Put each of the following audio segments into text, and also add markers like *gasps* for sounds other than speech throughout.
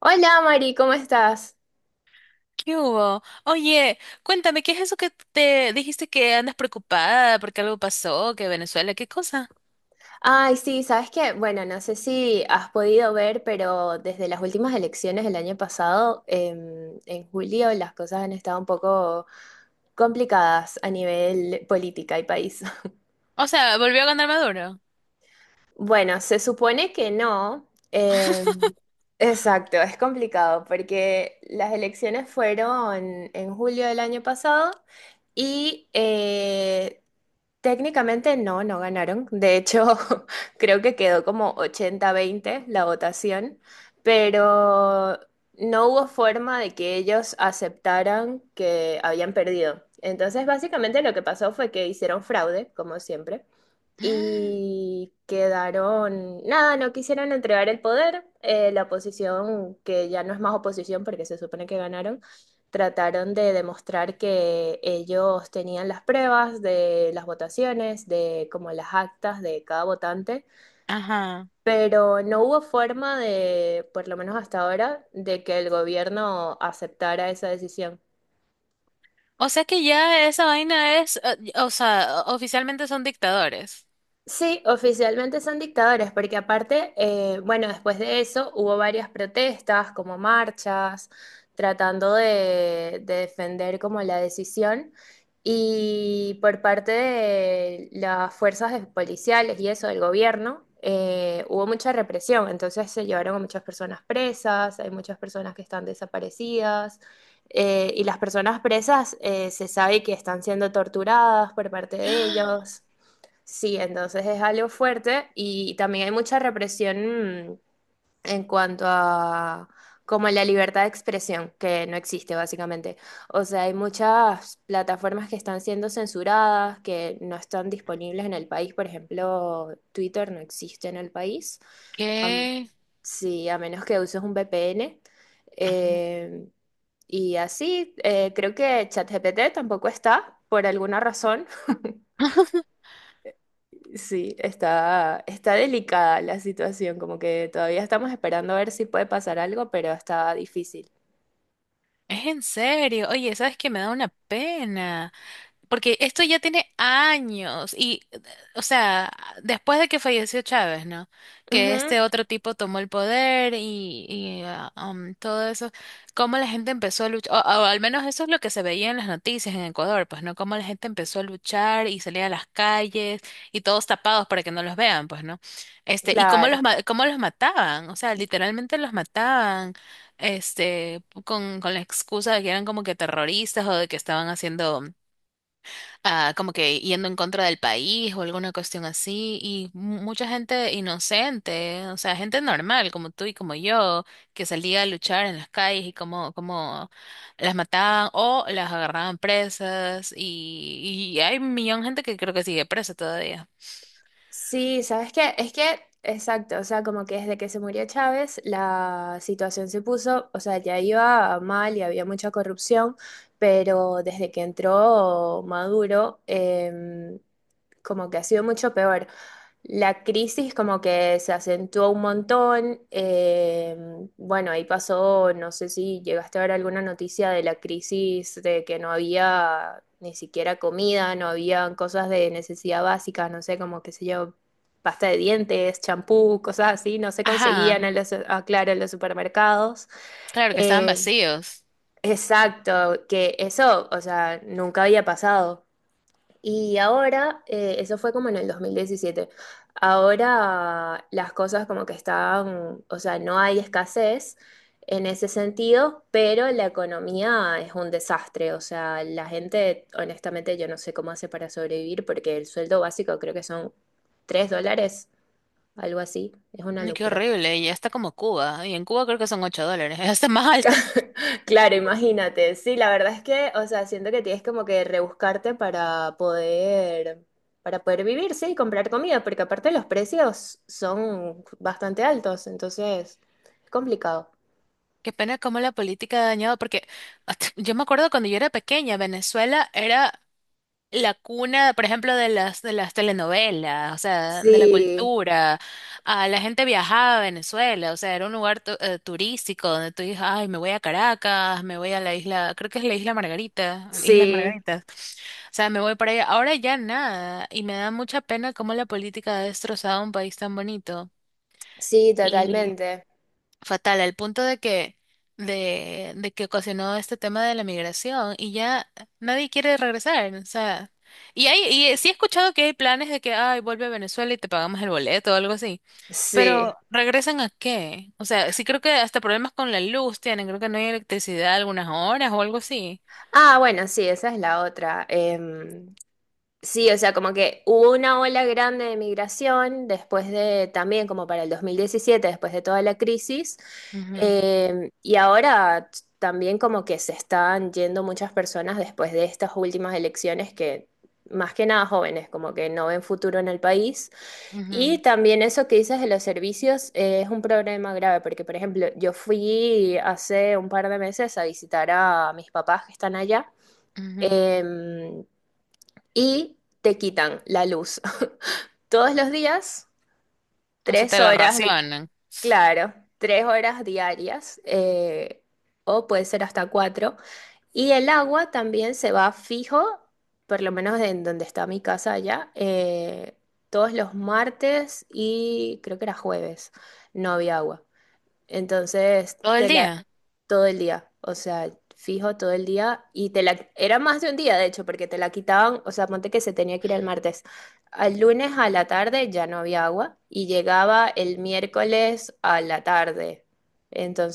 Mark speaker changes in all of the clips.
Speaker 1: Hola Mari, ¿cómo estás?
Speaker 2: ¿Qué hubo? Oye, cuéntame, ¿qué es eso que te dijiste que andas preocupada porque algo pasó, que Venezuela, qué cosa?
Speaker 1: Ay, sí, sabes que, bueno, no sé si has podido ver, pero desde las últimas elecciones del año pasado, en julio, las cosas han estado un poco complicadas a nivel política y país. *laughs*
Speaker 2: O sea, volvió a ganar Maduro.
Speaker 1: Bueno, se supone que no. Exacto, es complicado porque las elecciones fueron en julio del año pasado. Y técnicamente no ganaron. De hecho, *laughs* creo que quedó como 80-20 la votación, pero no hubo forma de que ellos aceptaran que habían perdido. Entonces, básicamente lo que pasó fue que hicieron fraude, como siempre,
Speaker 2: Mm.
Speaker 1: y quedaron, nada, no quisieron entregar el poder. La oposición, que ya no es más oposición porque se supone que ganaron, trataron de demostrar que ellos tenían las pruebas de las votaciones, de como las actas de cada votante,
Speaker 2: Ajá.
Speaker 1: pero no hubo forma de, por lo menos hasta ahora, de que el gobierno aceptara esa decisión.
Speaker 2: O sea que ya esa vaina es, o sea, oficialmente son dictadores.
Speaker 1: Sí, oficialmente son dictadores, porque aparte, bueno, después de eso hubo varias protestas, como marchas, tratando de defender como la decisión. Y por parte de las fuerzas policiales y eso del gobierno, hubo mucha represión. Entonces se llevaron a muchas personas presas, hay muchas personas que están desaparecidas. Y las personas presas se sabe que están siendo torturadas por parte de ellos.
Speaker 2: *gasps*
Speaker 1: Sí, entonces es algo fuerte y también hay mucha represión, en cuanto a como la libertad de expresión, que no existe básicamente. O sea, hay muchas plataformas que están siendo censuradas, que no están disponibles en el país. Por ejemplo, Twitter no existe en el país. Am-
Speaker 2: ¿Qué?
Speaker 1: sí, a menos que uses un VPN.
Speaker 2: Ajá.
Speaker 1: Eh, y así, creo que ChatGPT tampoco está por alguna razón. *laughs*
Speaker 2: *laughs*
Speaker 1: Sí, está delicada la situación, como que todavía estamos esperando a ver si puede pasar algo, pero está difícil.
Speaker 2: Es en serio. Oye, ¿sabes qué? Me da una pena. Porque esto ya tiene años y o sea, después de que falleció Chávez, ¿no? Que
Speaker 1: Ujú,
Speaker 2: este otro tipo tomó el poder y todo eso, cómo la gente empezó a luchar, o al menos eso es lo que se veía en las noticias en Ecuador, pues, ¿no? Cómo la gente empezó a luchar y salía a las calles y todos tapados para que no los vean, pues, ¿no? Este, y
Speaker 1: claro.
Speaker 2: cómo los mataban, o sea, literalmente los mataban. Este, con la excusa de que eran como que terroristas o de que estaban haciendo como que yendo en contra del país o alguna cuestión así, y mucha gente inocente, o sea, gente normal como tú y como yo, que salía a luchar en las calles y como las mataban o las agarraban presas, y hay un millón de gente que creo que sigue presa todavía.
Speaker 1: Sí, ¿sabes qué? Es que, exacto, o sea, como que desde que se murió Chávez, la situación se puso, o sea, ya iba mal y había mucha corrupción, pero desde que entró Maduro, como que ha sido mucho peor. La crisis como que se acentuó un montón. Bueno, ahí pasó, no sé si llegaste a ver alguna noticia de la crisis de que no había ni siquiera comida, no había cosas de necesidad básica, no sé, como qué sé yo, pasta de dientes, champú, cosas así, no se conseguían en
Speaker 2: Ajá,
Speaker 1: los, ah, claro, en los supermercados.
Speaker 2: claro que estaban
Speaker 1: Eh,
Speaker 2: vacíos.
Speaker 1: exacto, que eso, o sea, nunca había pasado. Y ahora, eso fue como en el 2017. Ahora las cosas como que están, o sea, no hay escasez en ese sentido, pero la economía es un desastre, o sea, la gente, honestamente, yo no sé cómo hace para sobrevivir porque el sueldo básico creo que son $3, algo así, es una
Speaker 2: Ay, qué
Speaker 1: locura.
Speaker 2: horrible, y ya está como Cuba, y en Cuba creo que son $8, *laughs* ya está más alto.
Speaker 1: *laughs* Claro, imagínate. Sí, la verdad es que, o sea, siento que tienes como que rebuscarte para poder vivir, sí, y comprar comida, porque aparte los precios son bastante altos, entonces es complicado.
Speaker 2: Qué pena cómo la política ha dañado, porque *laughs* yo me acuerdo cuando yo era pequeña, Venezuela era la cuna, por ejemplo, de las telenovelas, o sea, de la
Speaker 1: Sí,
Speaker 2: cultura. Ah, la gente viajaba a Venezuela, o sea, era un lugar turístico donde tú dices, ay, me voy a Caracas, me voy a la isla, creo que es la isla Margarita, Islas
Speaker 1: sí,
Speaker 2: Margaritas. O sea, me voy para allá. Ahora ya nada, y me da mucha pena cómo la política ha destrozado un país tan bonito.
Speaker 1: sí,
Speaker 2: Y
Speaker 1: totalmente.
Speaker 2: fatal, al punto de que, de que ocasionó este tema de la migración y ya nadie quiere regresar, o sea, y sí he escuchado que hay planes de que, ay, vuelve a Venezuela y te pagamos el boleto o algo así,
Speaker 1: Sí.
Speaker 2: pero ¿regresan a qué? O sea, sí creo que hasta problemas con la luz tienen, creo que no hay electricidad algunas horas o algo así.
Speaker 1: Ah, bueno, sí, esa es la otra. Sí, o sea, como que hubo una ola grande de migración después de, también como para el 2017 después de toda la crisis,
Speaker 2: Ujú.
Speaker 1: y ahora también como que se están yendo muchas personas después de estas últimas elecciones que, más que nada jóvenes, como que no ven futuro en el país. Y
Speaker 2: Ujú.
Speaker 1: también eso que dices de los servicios es un problema grave, porque por ejemplo, yo fui hace un par de meses a visitar a mis papás que están allá.
Speaker 2: Ujú.
Speaker 1: Em, y te quitan la luz. *laughs* Todos los días,
Speaker 2: O sea,
Speaker 1: tres
Speaker 2: te la
Speaker 1: horas,
Speaker 2: racionan
Speaker 1: claro, tres horas diarias, o puede ser hasta cuatro. Y el agua también se va fijo, por lo menos en donde está mi casa allá, todos los martes y creo que era jueves, no había agua. Entonces,
Speaker 2: todo el
Speaker 1: te la
Speaker 2: día.
Speaker 1: todo el día, o sea, fijo todo el día y te la era más de un día de hecho, porque te la quitaban, o sea, ponte que se tenía que ir el martes. Al lunes a la tarde ya no había agua y llegaba el miércoles a la tarde.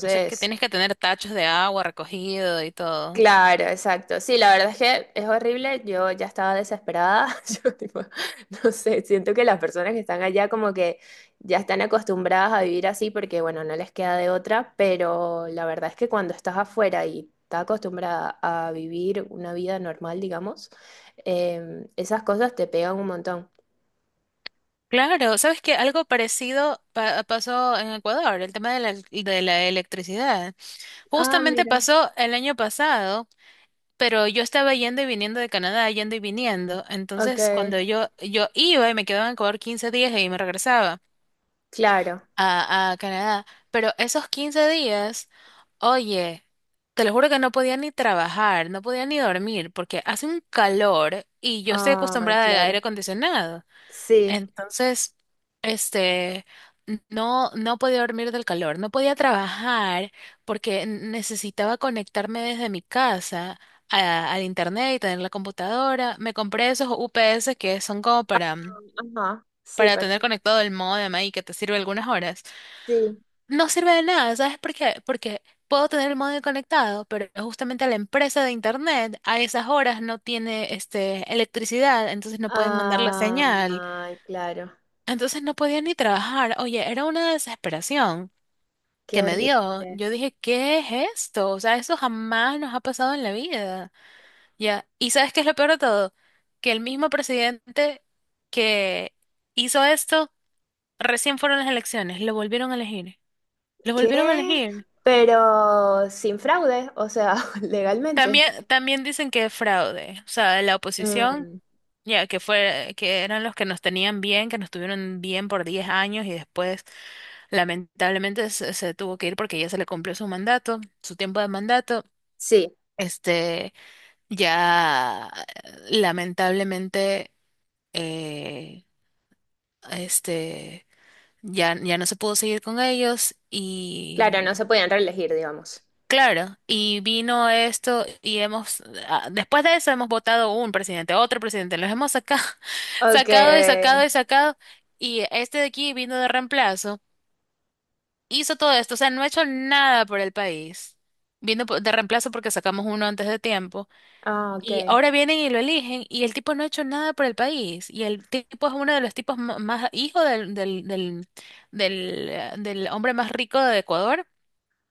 Speaker 2: O sea, que tienes que tener tachos de agua recogido y todo.
Speaker 1: claro, exacto. Sí, la verdad es que es horrible. Yo ya estaba desesperada. *laughs* Yo, tipo, no sé, siento que las personas que están allá como que ya están acostumbradas a vivir así porque, bueno, no les queda de otra, pero la verdad es que cuando estás afuera y estás acostumbrada a vivir una vida normal, digamos, esas cosas te pegan un montón.
Speaker 2: Claro, sabes que algo parecido pasó en Ecuador, el tema de la electricidad.
Speaker 1: Ah,
Speaker 2: Justamente
Speaker 1: mira.
Speaker 2: pasó el año pasado, pero yo estaba yendo y viniendo de Canadá, yendo y viniendo.
Speaker 1: Ok,
Speaker 2: Entonces, cuando yo iba y me quedaba en Ecuador 15 días y me regresaba
Speaker 1: claro.
Speaker 2: a Canadá, pero esos 15 días, oye, te lo juro que no podía ni trabajar, no podía ni dormir, porque hace un calor y yo estoy
Speaker 1: Ah,
Speaker 2: acostumbrada al
Speaker 1: claro.
Speaker 2: aire acondicionado.
Speaker 1: Sí.
Speaker 2: Entonces, este, no, no podía dormir del calor, no podía trabajar porque necesitaba conectarme desde mi casa al internet y tener la computadora. Me compré esos UPS que son como para, mm,
Speaker 1: Ajá, sí,
Speaker 2: para
Speaker 1: para...
Speaker 2: tener conectado el módem ahí que te sirve algunas horas.
Speaker 1: Sí.
Speaker 2: No sirve de nada, ¿sabes por qué? Porque puedo tener el módem conectado, pero justamente la empresa de internet a esas horas no tiene este, electricidad, entonces no pueden mandar la
Speaker 1: Ah,
Speaker 2: señal.
Speaker 1: ay, claro.
Speaker 2: Entonces no podía ni trabajar. Oye, era una desesperación
Speaker 1: Qué
Speaker 2: que me dio.
Speaker 1: horrible.
Speaker 2: Yo dije, ¿qué es esto? O sea, eso jamás nos ha pasado en la vida. Ya. ¿Y sabes qué es lo peor de todo? Que el mismo presidente que hizo esto, recién fueron las elecciones, lo volvieron a elegir. Lo volvieron a
Speaker 1: ¿Qué?
Speaker 2: elegir.
Speaker 1: Pero sin fraude, o sea, *laughs* legalmente.
Speaker 2: También dicen que es fraude. O sea, la oposición.
Speaker 1: Mm,
Speaker 2: Ya, que fue, que eran los que nos tenían bien, que nos tuvieron bien por 10 años y después lamentablemente se tuvo que ir porque ya se le cumplió su mandato, su tiempo de mandato.
Speaker 1: sí,
Speaker 2: Este, ya lamentablemente, eh, este, ya no se pudo seguir con ellos y
Speaker 1: claro, no se podían reelegir, digamos.
Speaker 2: claro, y vino esto y después de eso hemos votado un presidente, otro presidente, los hemos sacado, *laughs*
Speaker 1: Ok.
Speaker 2: sacado y sacado y sacado, y este de aquí vino de reemplazo, hizo todo esto, o sea, no ha hecho nada por el país, vino de reemplazo porque sacamos uno antes de tiempo,
Speaker 1: Ah, ok.
Speaker 2: y ahora vienen y lo eligen, y el tipo no ha hecho nada por el país, y el tipo es uno de los tipos más, hijo del hombre más rico de Ecuador.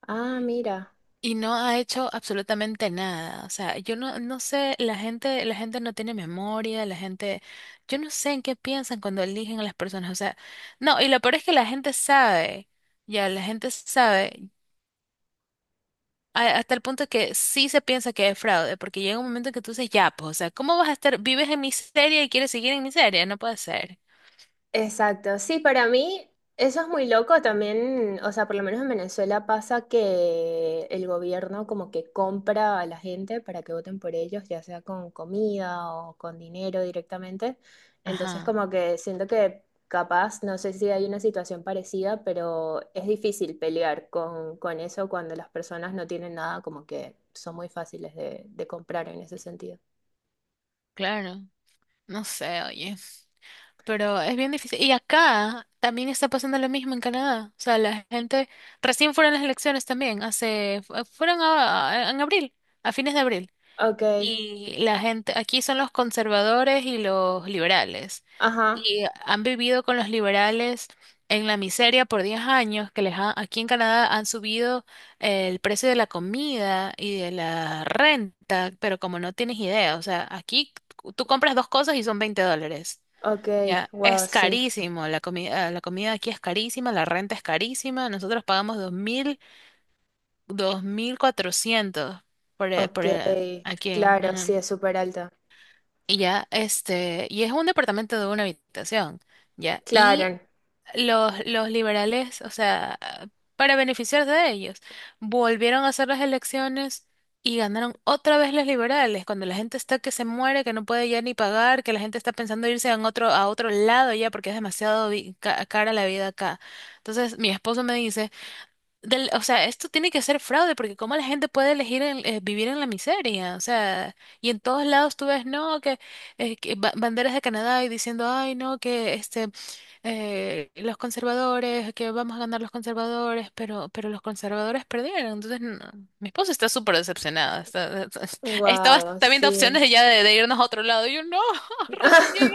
Speaker 1: Ah, mira.
Speaker 2: Y no ha hecho absolutamente nada. O sea, yo no, no sé, la gente no tiene memoria, la gente, yo no sé en qué piensan cuando eligen a las personas. O sea, no, y lo peor es que la gente sabe, ya, la gente sabe, hasta el punto que sí se piensa que es fraude, porque llega un momento en que tú dices, ya, pues, o sea, ¿cómo vas a estar, vives en miseria y quieres seguir en miseria? No puede ser.
Speaker 1: Exacto, sí, para mí eso es muy loco también, o sea, por lo menos en Venezuela pasa que el gobierno como que compra a la gente para que voten por ellos, ya sea con comida o con dinero directamente. Entonces
Speaker 2: Ajá,
Speaker 1: como que siento que capaz, no sé si hay una situación parecida, pero es difícil pelear con eso cuando las personas no tienen nada, como que son muy fáciles de comprar en ese sentido.
Speaker 2: claro. No sé, oye. Pero es bien difícil. Y acá también está pasando lo mismo en Canadá. O sea, la gente recién fueron las elecciones también, fueron en abril, a fines de abril.
Speaker 1: Ok,
Speaker 2: Y la gente, aquí son los conservadores y los liberales.
Speaker 1: ajá,
Speaker 2: Y han vivido con los liberales en la miseria por 10 años, que aquí en Canadá han subido el precio de la comida y de la renta, pero como no tienes idea, o sea, aquí tú compras dos cosas y son $20.
Speaker 1: ok,
Speaker 2: Ya,
Speaker 1: wow,
Speaker 2: es
Speaker 1: sí.
Speaker 2: carísimo, la comida aquí es carísima, la renta es carísima, nosotros pagamos 2,400
Speaker 1: Ok,
Speaker 2: por e- aquí
Speaker 1: claro, sí,
Speaker 2: en-
Speaker 1: es súper alto.
Speaker 2: y ya, este, y es un departamento de una habitación, ya, y
Speaker 1: Claro,
Speaker 2: los liberales, o sea, para beneficiarse de ellos, volvieron a hacer las elecciones y ganaron otra vez los liberales, cuando la gente está que se muere, que no puede ya ni pagar, que la gente está pensando irse a otro lado ya porque es demasiado cara la vida acá. Entonces, mi esposo me dice, o sea, esto tiene que ser fraude, porque cómo la gente puede elegir vivir en la miseria, o sea, y en todos lados tú ves, no, que banderas de Canadá y diciendo, ay, no, que este, los conservadores, que vamos a ganar los conservadores, pero los conservadores perdieron, entonces, no, mi esposa está súper decepcionada, está, *laughs* estaba
Speaker 1: wow,
Speaker 2: hasta viendo
Speaker 1: sí.
Speaker 2: opciones de ya de irnos a otro lado, y yo, no, *laughs* recién llegué,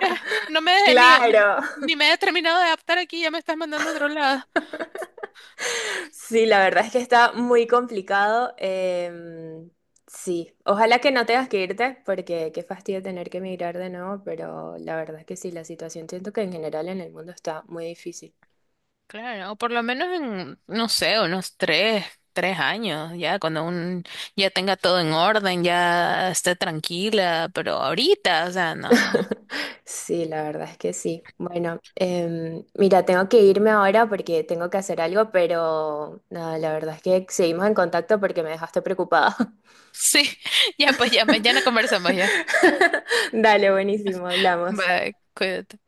Speaker 2: eh, no me, ni,
Speaker 1: Claro.
Speaker 2: ni
Speaker 1: *laughs*
Speaker 2: me he terminado de adaptar aquí, ya me estás mandando a otro lado.
Speaker 1: Sí, la verdad es que está muy complicado. Sí, ojalá que no tengas que irte, porque qué fastidio tener que emigrar de nuevo, pero la verdad es que sí, la situación siento que en general en el mundo está muy difícil.
Speaker 2: Claro, o por lo menos en, no sé, unos tres años, ya cuando ya tenga todo en orden, ya esté tranquila, pero ahorita, o sea, no, no, no.
Speaker 1: *laughs* Sí, la verdad es que sí. Bueno, mira, tengo que irme ahora porque tengo que hacer algo, pero nada, la verdad es que seguimos en contacto porque me dejaste preocupada.
Speaker 2: Sí, *laughs* ya pues ya, mañana conversamos ya.
Speaker 1: *laughs* Dale, buenísimo, hablamos.
Speaker 2: Bye, cuídate.